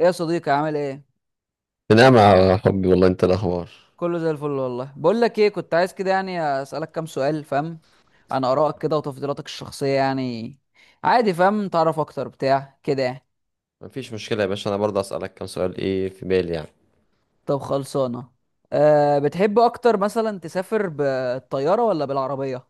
ايه يا صديقي، عامل ايه؟ نعم يا حبي، والله انت الاخبار؟ كله زي الفل والله. بقول لك ايه، كنت عايز كده يعني اسالك كام سؤال فاهم، عن ارائك كده وتفضيلاتك الشخصيه يعني. عادي فاهم، تعرف اكتر بتاع كده يعني. مفيش مشكله يا باشا، انا برضه اسالك كام سؤال ايه في بالي يعني. طب خلصانه. أه، بتحب اكتر مثلا تسافر بالطياره ولا بالعربيه؟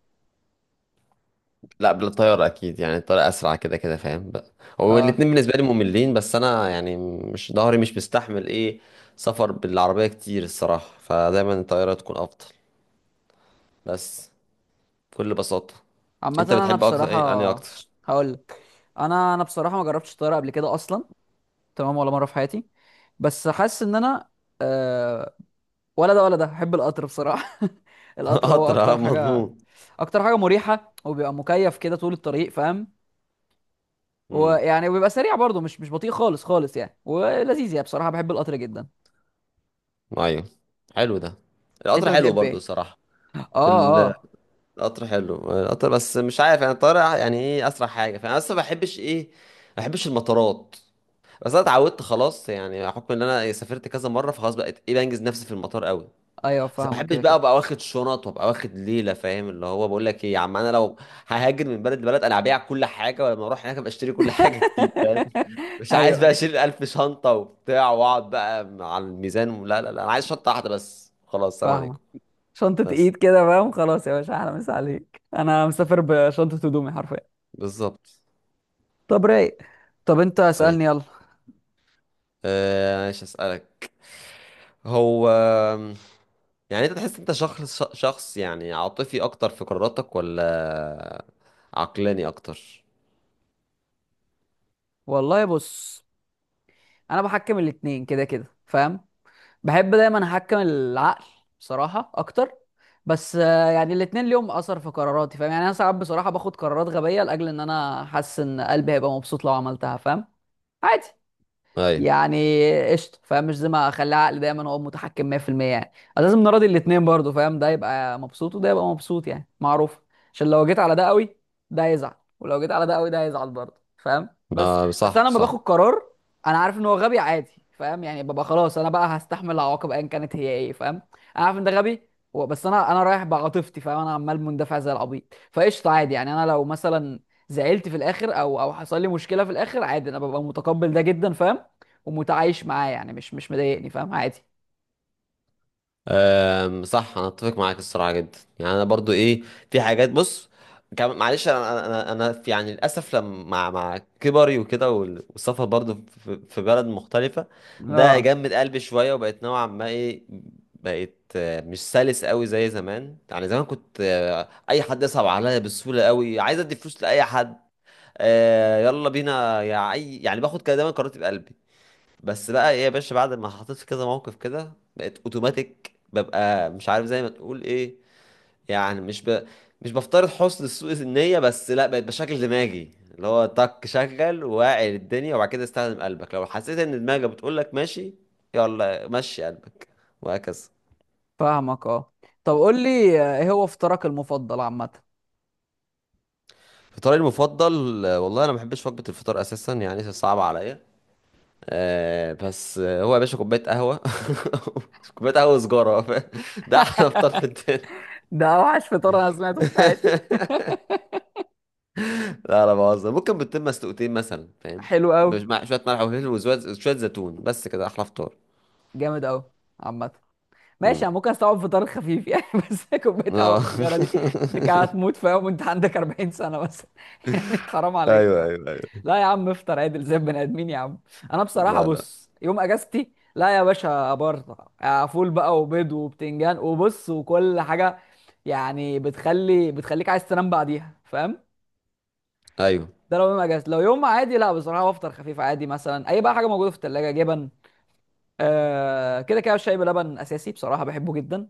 لا، بالطياره اكيد، يعني الطياره اسرع كده كده فاهم بقى. هو اه. الاتنين بالنسبه لي مملين، بس انا مش ضهري مش مستحمل ايه سفر بالعربيه كتير الصراحه، فدايما الطياره تكون افضل. بس بكل بساطه. عامه انت انا بتحب اكتر بصراحه ايه؟ انهي اكتر؟ هقول لك، انا بصراحه ما جربتش الطياره قبل كده اصلا، تمام، ولا مره في حياتي. بس حاسس ان انا آه، ولا ده ولا ده، بحب القطر بصراحة. القطر هو قطر، اه أكتر حاجة، مضمون. أكتر حاجة مريحة، وبيبقى مكيف كده طول الطريق فاهم. امم. ويعني وبيبقى سريع برضه، مش بطيء خالص خالص يعني، ولذيذ يعني. بصراحة بحب القطر جدا. ايوه، حلو ده. أنت القطر حلو بتحب برضه إيه؟ الصراحه. آه آه. القطر حلو، القطر، بس مش عارف، يعني الطيارة ايه اسرع حاجة، فانا اصلا ما بحبش ايه، ما بحبش المطارات. بس انا اتعودت خلاص، يعني بحكم ان انا سافرت كذا مرة فخلاص بقيت ايه بنجز نفسي في المطار قوي. أيوه بس ما فاهمك بحبش كده بقى كده. ابقى واخد شنط وابقى واخد ليلة فاهم، اللي هو بقول لك ايه يا عم، انا لو ههاجر من بلد لبلد، انا هبيع كل حاجة، ولما اروح هناك ابقى اشتري كل حاجة جديد فاهم. مش عايز أيوه بقى أيوه اشيل 1000 شنطة وبتاع واقعد بقى على الميزان. لا لا لا، انا عايز شنطة واحدة بس خلاص، سلام فاهمك. عليكم. شنطة بس. إيد كده فاهم، خلاص يا باشا، أحلى مسا عليك. أنا مسافر بشنطة هدومي حرفيا. بالظبط. طب رايق. طب أنت أيوة. اسألني يلا. آه، ماشي اسالك. هو انت تحس انت شخص يعني عاطفي اكتر في قراراتك، ولا عقلاني اكتر؟ والله بص، أنا بحكم الاتنين كده كده فاهم. بحب دايما احكم العقل بصراحه اكتر، بس يعني الاتنين ليهم اثر في قراراتي فاهم. يعني انا ساعات بصراحه باخد قرارات غبيه لاجل ان انا حاسس ان قلبي هيبقى مبسوط لو عملتها فاهم. عادي ايوه. يعني، قشطه فاهم. مش زي ما اخلي عقلي دايما هو متحكم 100% يعني. أنا لازم نراضي الاثنين برضو فاهم، ده يبقى مبسوط وده يبقى مبسوط يعني معروف. عشان لو جيت على ده قوي ده يزعل، ولو جيت على ده قوي ده هيزعل برضه فاهم. بس، آه، بس صح انا لما باخد صح. قرار انا عارف ان هو غبي، عادي فاهم. يعني ببقى خلاص، انا بقى هستحمل العواقب ايا كانت هي ايه فاهم. انا عارف ان ده غبي بس انا رايح بعاطفتي فاهم، انا عمال مندفع زي العبيط. فقشطه عادي. يعني انا لو مثلا زعلت في الاخر او حصل لي مشكله في الاخر، عادي، انا ببقى متقبل ده جدا فاهم. ومتعايش معاه، يعني مش مضايقني فاهم، عادي. أم، صح، انا اتفق معاك الصراحه جدا، يعني انا برضو ايه، في حاجات بص، كم معلش، انا انا في يعني للاسف لما مع كبري وكده والسفر برضو في بلد مختلفه، ده اه جمد قلبي شويه وبقيت نوعا ما ايه، بقيت مش سلس قوي زي زمان. يعني زمان كنت اي حد يصعب عليا بسهوله قوي، عايز ادي فلوس لاي حد، يلا بينا يا اي يعني، باخد كده دايما قراراتي بقلبي. بس بقى ايه يا باشا، بعد ما حطيت في كذا موقف كده بقيت اوتوماتيك ببقى مش عارف زي ما تقول ايه، يعني مش ب... مش بفترض حسن سوء النية، بس لا، بقيت بشكل دماغي اللي هو طك، شغل واعي الدنيا وبعد كده استخدم قلبك، لو حسيت ان دماغك بتقول لك ماشي يلا مشي قلبك، وهكذا. فاهمك اه. طب قول لي ايه هو فطارك المفضل عامة؟ فطاري المفضل؟ والله انا ما بحبش وجبة الفطار اساسا، يعني صعبة عليا. آه بس آه، هو يا باشا كوباية قهوة. كوباية قهوة وسجارة، ده احلى فطار في الدنيا. ده اوحش فطار انا سمعته في حياتي. لا لا، بهزر، ممكن بتتم مسلوقتين مثلا فاهم، حلو قوي. مش مع شويه ملح وفلفل وشويه شويه زيتون، بس كده احلى فطار. جامد قوي. عامة ماشي، امم. انا ممكن استوعب فطار خفيف يعني. بس كوباية اه. قهوة وسجارة دي، انت قاعد تموت فيهم وانت عندك 40 سنة بس. يعني حرام عليك. ايوه ايوه ايوه. لا يا عم، افطر عدل زي البني ادمين يا عم. انا بصراحه لا لا. بص، يوم اجازتي لا يا باشا، ابرطع فول بقى وبيض وبتنجان وبص وكل حاجه. يعني بتخلي بتخليك عايز تنام بعديها فاهم. ايوه. ده لو يوم اجازتي، لو يوم عادي لا، بصراحه بفطر خفيف عادي، مثلا اي بقى حاجه موجوده في الثلاجه، جبن. آه كده كده، الشاي بلبن اساسي بصراحه بحبه جدا.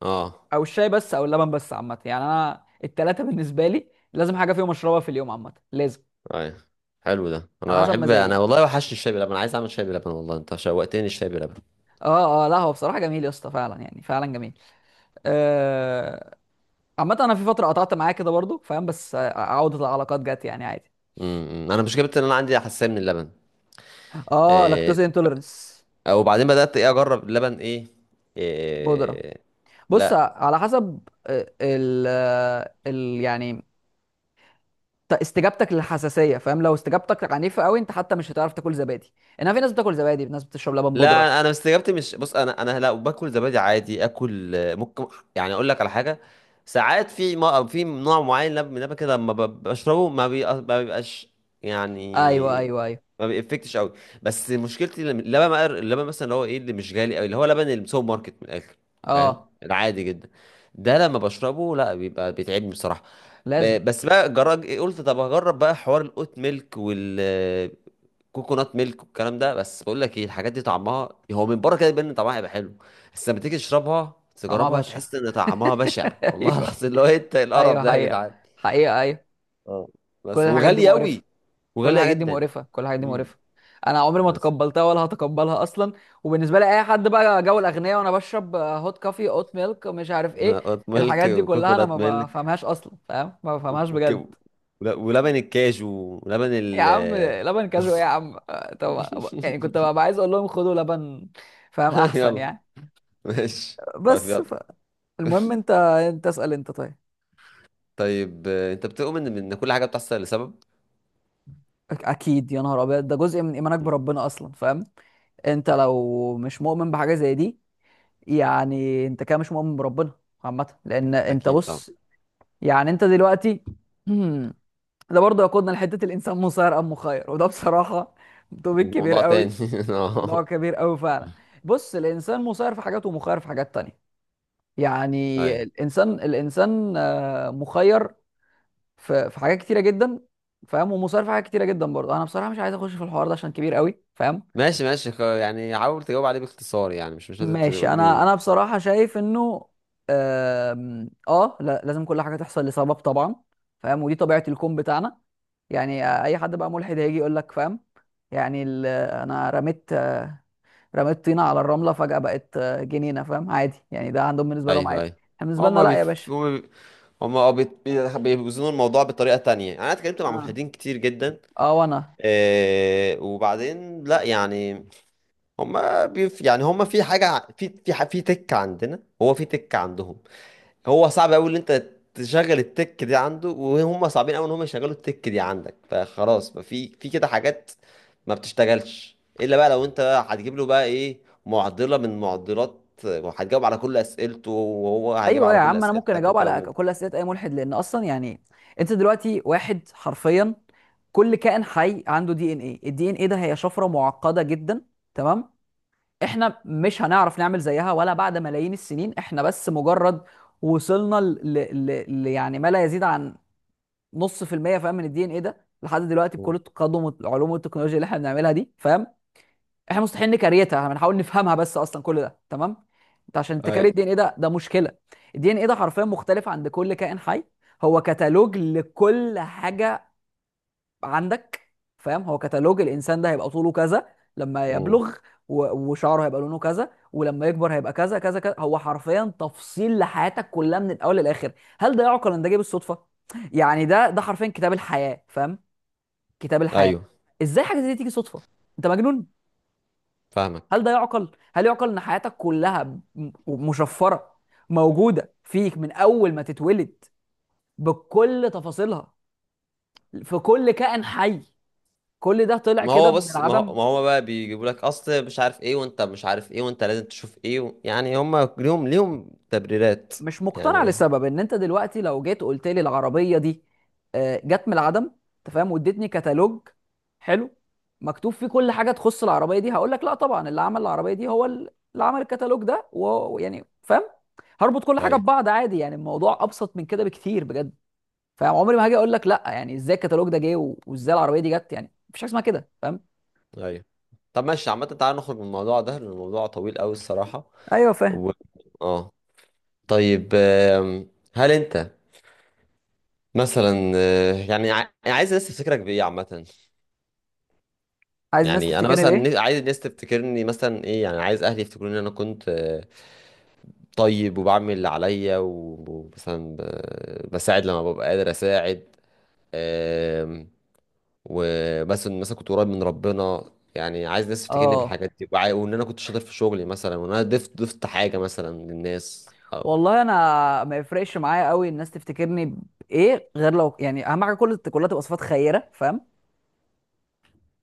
اه. او الشاي بس او اللبن بس. عامه يعني انا التلاته بالنسبه لي لازم حاجه فيهم اشربها في اليوم عامه، لازم ايوه، حلو ده، على انا حسب بحب، مزاجي انا يعني. والله وحشني الشاي بلبن، انا عايز اعمل شاي بلبن، والله انت شوقتني الشاي بلبن. اه اه، لا هو بصراحه جميل يا اسطى، فعلا يعني فعلا جميل. آه، عامة انا في فترة قطعت معاه كده برضو فاهم، بس عودة العلاقات جت يعني عادي. امم. انا مش جبت ان انا عندي حساسيه من اللبن. اه، إيه. لاكتوز انتولرنس. او بعدين بدات ايه اجرب اللبن ايه, بودرة. إيه. بص لا على حسب آه، ال آه، ال يعني استجابتك للحساسية فاهم. لو استجابتك عنيفة قوي انت حتى مش هتعرف تاكل زبادي. انما في ناس بتاكل زبادي، في ناس بتشرب لبن بودرة. لا، انا استجابتي مش، بص انا لا باكل زبادي عادي، اكل ممكن يعني اقول لك على حاجه، ساعات في، ما في نوع معين من اللبن كده لما بشربه ما بيبقاش ايوه يعني، ايوه ايوه. ما بيفكتش قوي. بس مشكلتي لما، اللبن بقى، اللبن مثلا اللي هو ايه اللي مش غالي قوي، اللي هو لبن السوبر ماركت من الاخر فاهم، اه العادي جدا، ده لما بشربه لا بيبقى بيتعبني بصراحه. لازم. بس بقى جرب، قلت طب هجرب بقى حوار الأوت ميلك، كوكونات ميلك والكلام ده، بس بقول لك ايه، الحاجات دي طعمها هو من بره كده يبان ان طعمها هيبقى حلو، بس لما تيجي تشربها طعمها تجربها بشع. تحس ان طعمها بشع، والله ايوه العظيم لو إيه انت القرف ايوه ده يا حقيقة، جدعان. حقيقة ايوه. اه، كل بس الحاجات دي وغاليه مقرفة. قوي، كل وغاليه الحاجات دي جدا. مقرفه، كل الحاجات دي امم. مقرفه. انا عمري ما بس تقبلتها ولا هتقبلها اصلا. وبالنسبه لي اي حد بقى جو الاغنياء وانا بشرب هوت كافي اوت ميلك مش عارف ايه، نقط ميلك الحاجات دي كلها انا وكوكونات ما ميلك بفهمهاش اصلا فاهم، ما بفهمهاش وك- وك- بجد. ولبن الكاجو ولبن يا ال عم لبن كاجو ايه يا عم، طب يعني كنت ببقى عايز اقول لهم خدوا لبن فاهم احسن يلا، يعني. ماشي طيب بس يلا. ف... المهم انت انت اسال انت، طيب. طيب انت بتؤمن ان إن كل حاجه بتحصل لسبب؟ اكيد يا نهار ابيض، ده جزء من ايمانك مم. بربنا اصلا فاهم. انت لو مش مؤمن بحاجه زي دي، يعني انت كده مش مؤمن بربنا. عامة لان انت اكيد طبعا. بص، يعني انت دلوقتي ده برضه يقودنا لحتة الانسان مسير ام مخير، وده بصراحة توبيك كبير موضوع تاني. قوي. موضوع آه. كبير قوي فعلا. بص، الانسان مسير في حاجات ومخير في حاجات تانية. يعني ايوه. الانسان، الانسان مخير في حاجات كتيرة جدا فاهم، ومسير في حاجات كتيرة جدا برضه. انا بصراحة مش عايز اخش في الحوار ده عشان كبير قوي فاهم. ماشي ماشي يعني حاول تجاوب عليه باختصار، يعني مش مش لازم ماشي، تقول انا لي. انا بصراحه شايف انه اه، لا لازم كل حاجه تحصل لسبب طبعا فاهم. ودي طبيعه الكون بتاعنا. يعني اي حد بقى ملحد هيجي يقول لك فاهم، يعني انا رميت رميت طينه على الرمله فجاه بقت جنينه فاهم، عادي يعني، ده عندهم بالنسبه لهم ايوه عادي. ايوه. احنا بالنسبه لنا هما لا يا بيف... باشا. هما بي... هما اه بيت- بي- بيوزنوا الموضوع بطريقة تانية، يعني انا اتكلمت مع اه ملحدين كتير جدا. اه. وانا آه وبعدين لا يعني، هما في حاجة في تك عندنا، هو في تك عندهم، هو صعب قوي ان انت تشغل التك دي عنده، وهم صعبين قوي ان هم يشغلوا التك دي عندك، فخلاص بقى في كده حاجات ما بتشتغلش الا بقى لو انت بقى هتجيب له بقى ايه، معضله من معضلات، هتجاوب على كل اسئلته وهو هيجاوب ايوه يا على كل عم، انا ممكن اسئلتك اجاوب وكلام على من ده. كل اسئله اي ملحد، لان اصلا يعني انت دلوقتي، واحد حرفيا كل كائن حي عنده دي ان ايه. الدي ان ايه ده هي شفره معقده جدا، تمام. احنا مش هنعرف نعمل زيها ولا بعد ملايين السنين. احنا بس مجرد وصلنا يعني ما لا يزيد عن نص في المية فاهم من الدي ان ايه ده لحد دلوقتي، مم. بكل التقدم والعلوم والتكنولوجيا اللي احنا بنعملها دي فاهم. احنا مستحيل نكريتها، هنحاول نفهمها بس اصلا كل ده تمام. انت عشان تكري ايوه. الدي ان ايه ده، ده مشكله. الدي ان ايه ده حرفيا مختلف عند كل كائن حي. هو كتالوج لكل حاجه عندك فاهم. هو كتالوج الانسان، ده هيبقى طوله كذا لما مم. يبلغ، و وشعره هيبقى لونه كذا، ولما يكبر هيبقى كذا كذا كذا. هو حرفيا تفصيل لحياتك كلها من الاول للاخر. هل ده يعقل ان ده جه بالصدفه؟ يعني ده حرفيا كتاب الحياه فاهم. كتاب الحياه. ايوه، ازاي حاجه زي دي تيجي صدفه؟ انت مجنون. فاهمك. هل ده يعقل؟ هل يعقل ان حياتك كلها مشفره، موجوده فيك من اول ما تتولد بكل تفاصيلها، في كل كائن حي، كل ده طلع ما كده هو من بص، ما هو العدم؟ ما هو بقى بيجيبوا لك اصل مش عارف ايه، وانت مش عارف ايه، وانت لازم تشوف ايه و... يعني هم ليهم تبريرات. مش مقتنع، يعني لسبب ان انت دلوقتي لو جيت قلت لي العربيه دي جت من العدم انت فاهم، واديتني كتالوج حلو مكتوب فيه كل حاجه تخص العربيه دي، هقول لك لا طبعا اللي عمل العربيه دي هو اللي عمل الكتالوج ده و ويعني فاهم، هربط كل حاجه ايوه. ببعض عادي. يعني الموضوع ابسط من كده بكتير بجد. فعمري ما هاجي اقول لك لا، يعني ازاي الكتالوج ده جه و وازاي العربيه دي جت، يعني مفيش حاجه اسمها كده فاهم. ايوه. طب ماشي، عامة تعالى نخرج من الموضوع ده، لأن الموضوع طويل أوي الصراحة. ايوه فاهم. و... اه. طيب آم، هل أنت مثلا يعني عايز الناس تفتكرك بإيه عامة؟ عايز الناس يعني أنا تفتكرني مثلا بايه؟ عايز الناس تفتكرني مثلا إيه، يعني عايز أهلي يفتكروني إن أنا كنت طيب، وبعمل اللي عليا ومثلا بساعد لما ببقى قادر أساعد، وبس إن مثلا كنت قريب من ربنا، يعني عايز الناس تفتكرني اه بالحاجات دي، وان انا كنت شاطر في شغلي مثلا، وان انا ضفت حاجه مثلا للناس او والله انا ما يفرقش معايا قوي الناس تفتكرني بايه، غير لو يعني اهم حاجه كل كلها تبقى صفات خيره فاهم.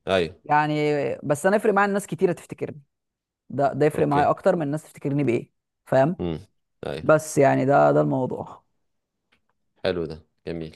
ايوه. يعني بس انا يفرق معايا الناس كتيره تفتكرني. ده يفرق اوكي. معايا اكتر من الناس تفتكرني بايه فاهم. امم. ايوه، بس يعني ده الموضوع. حلو ده، جميل.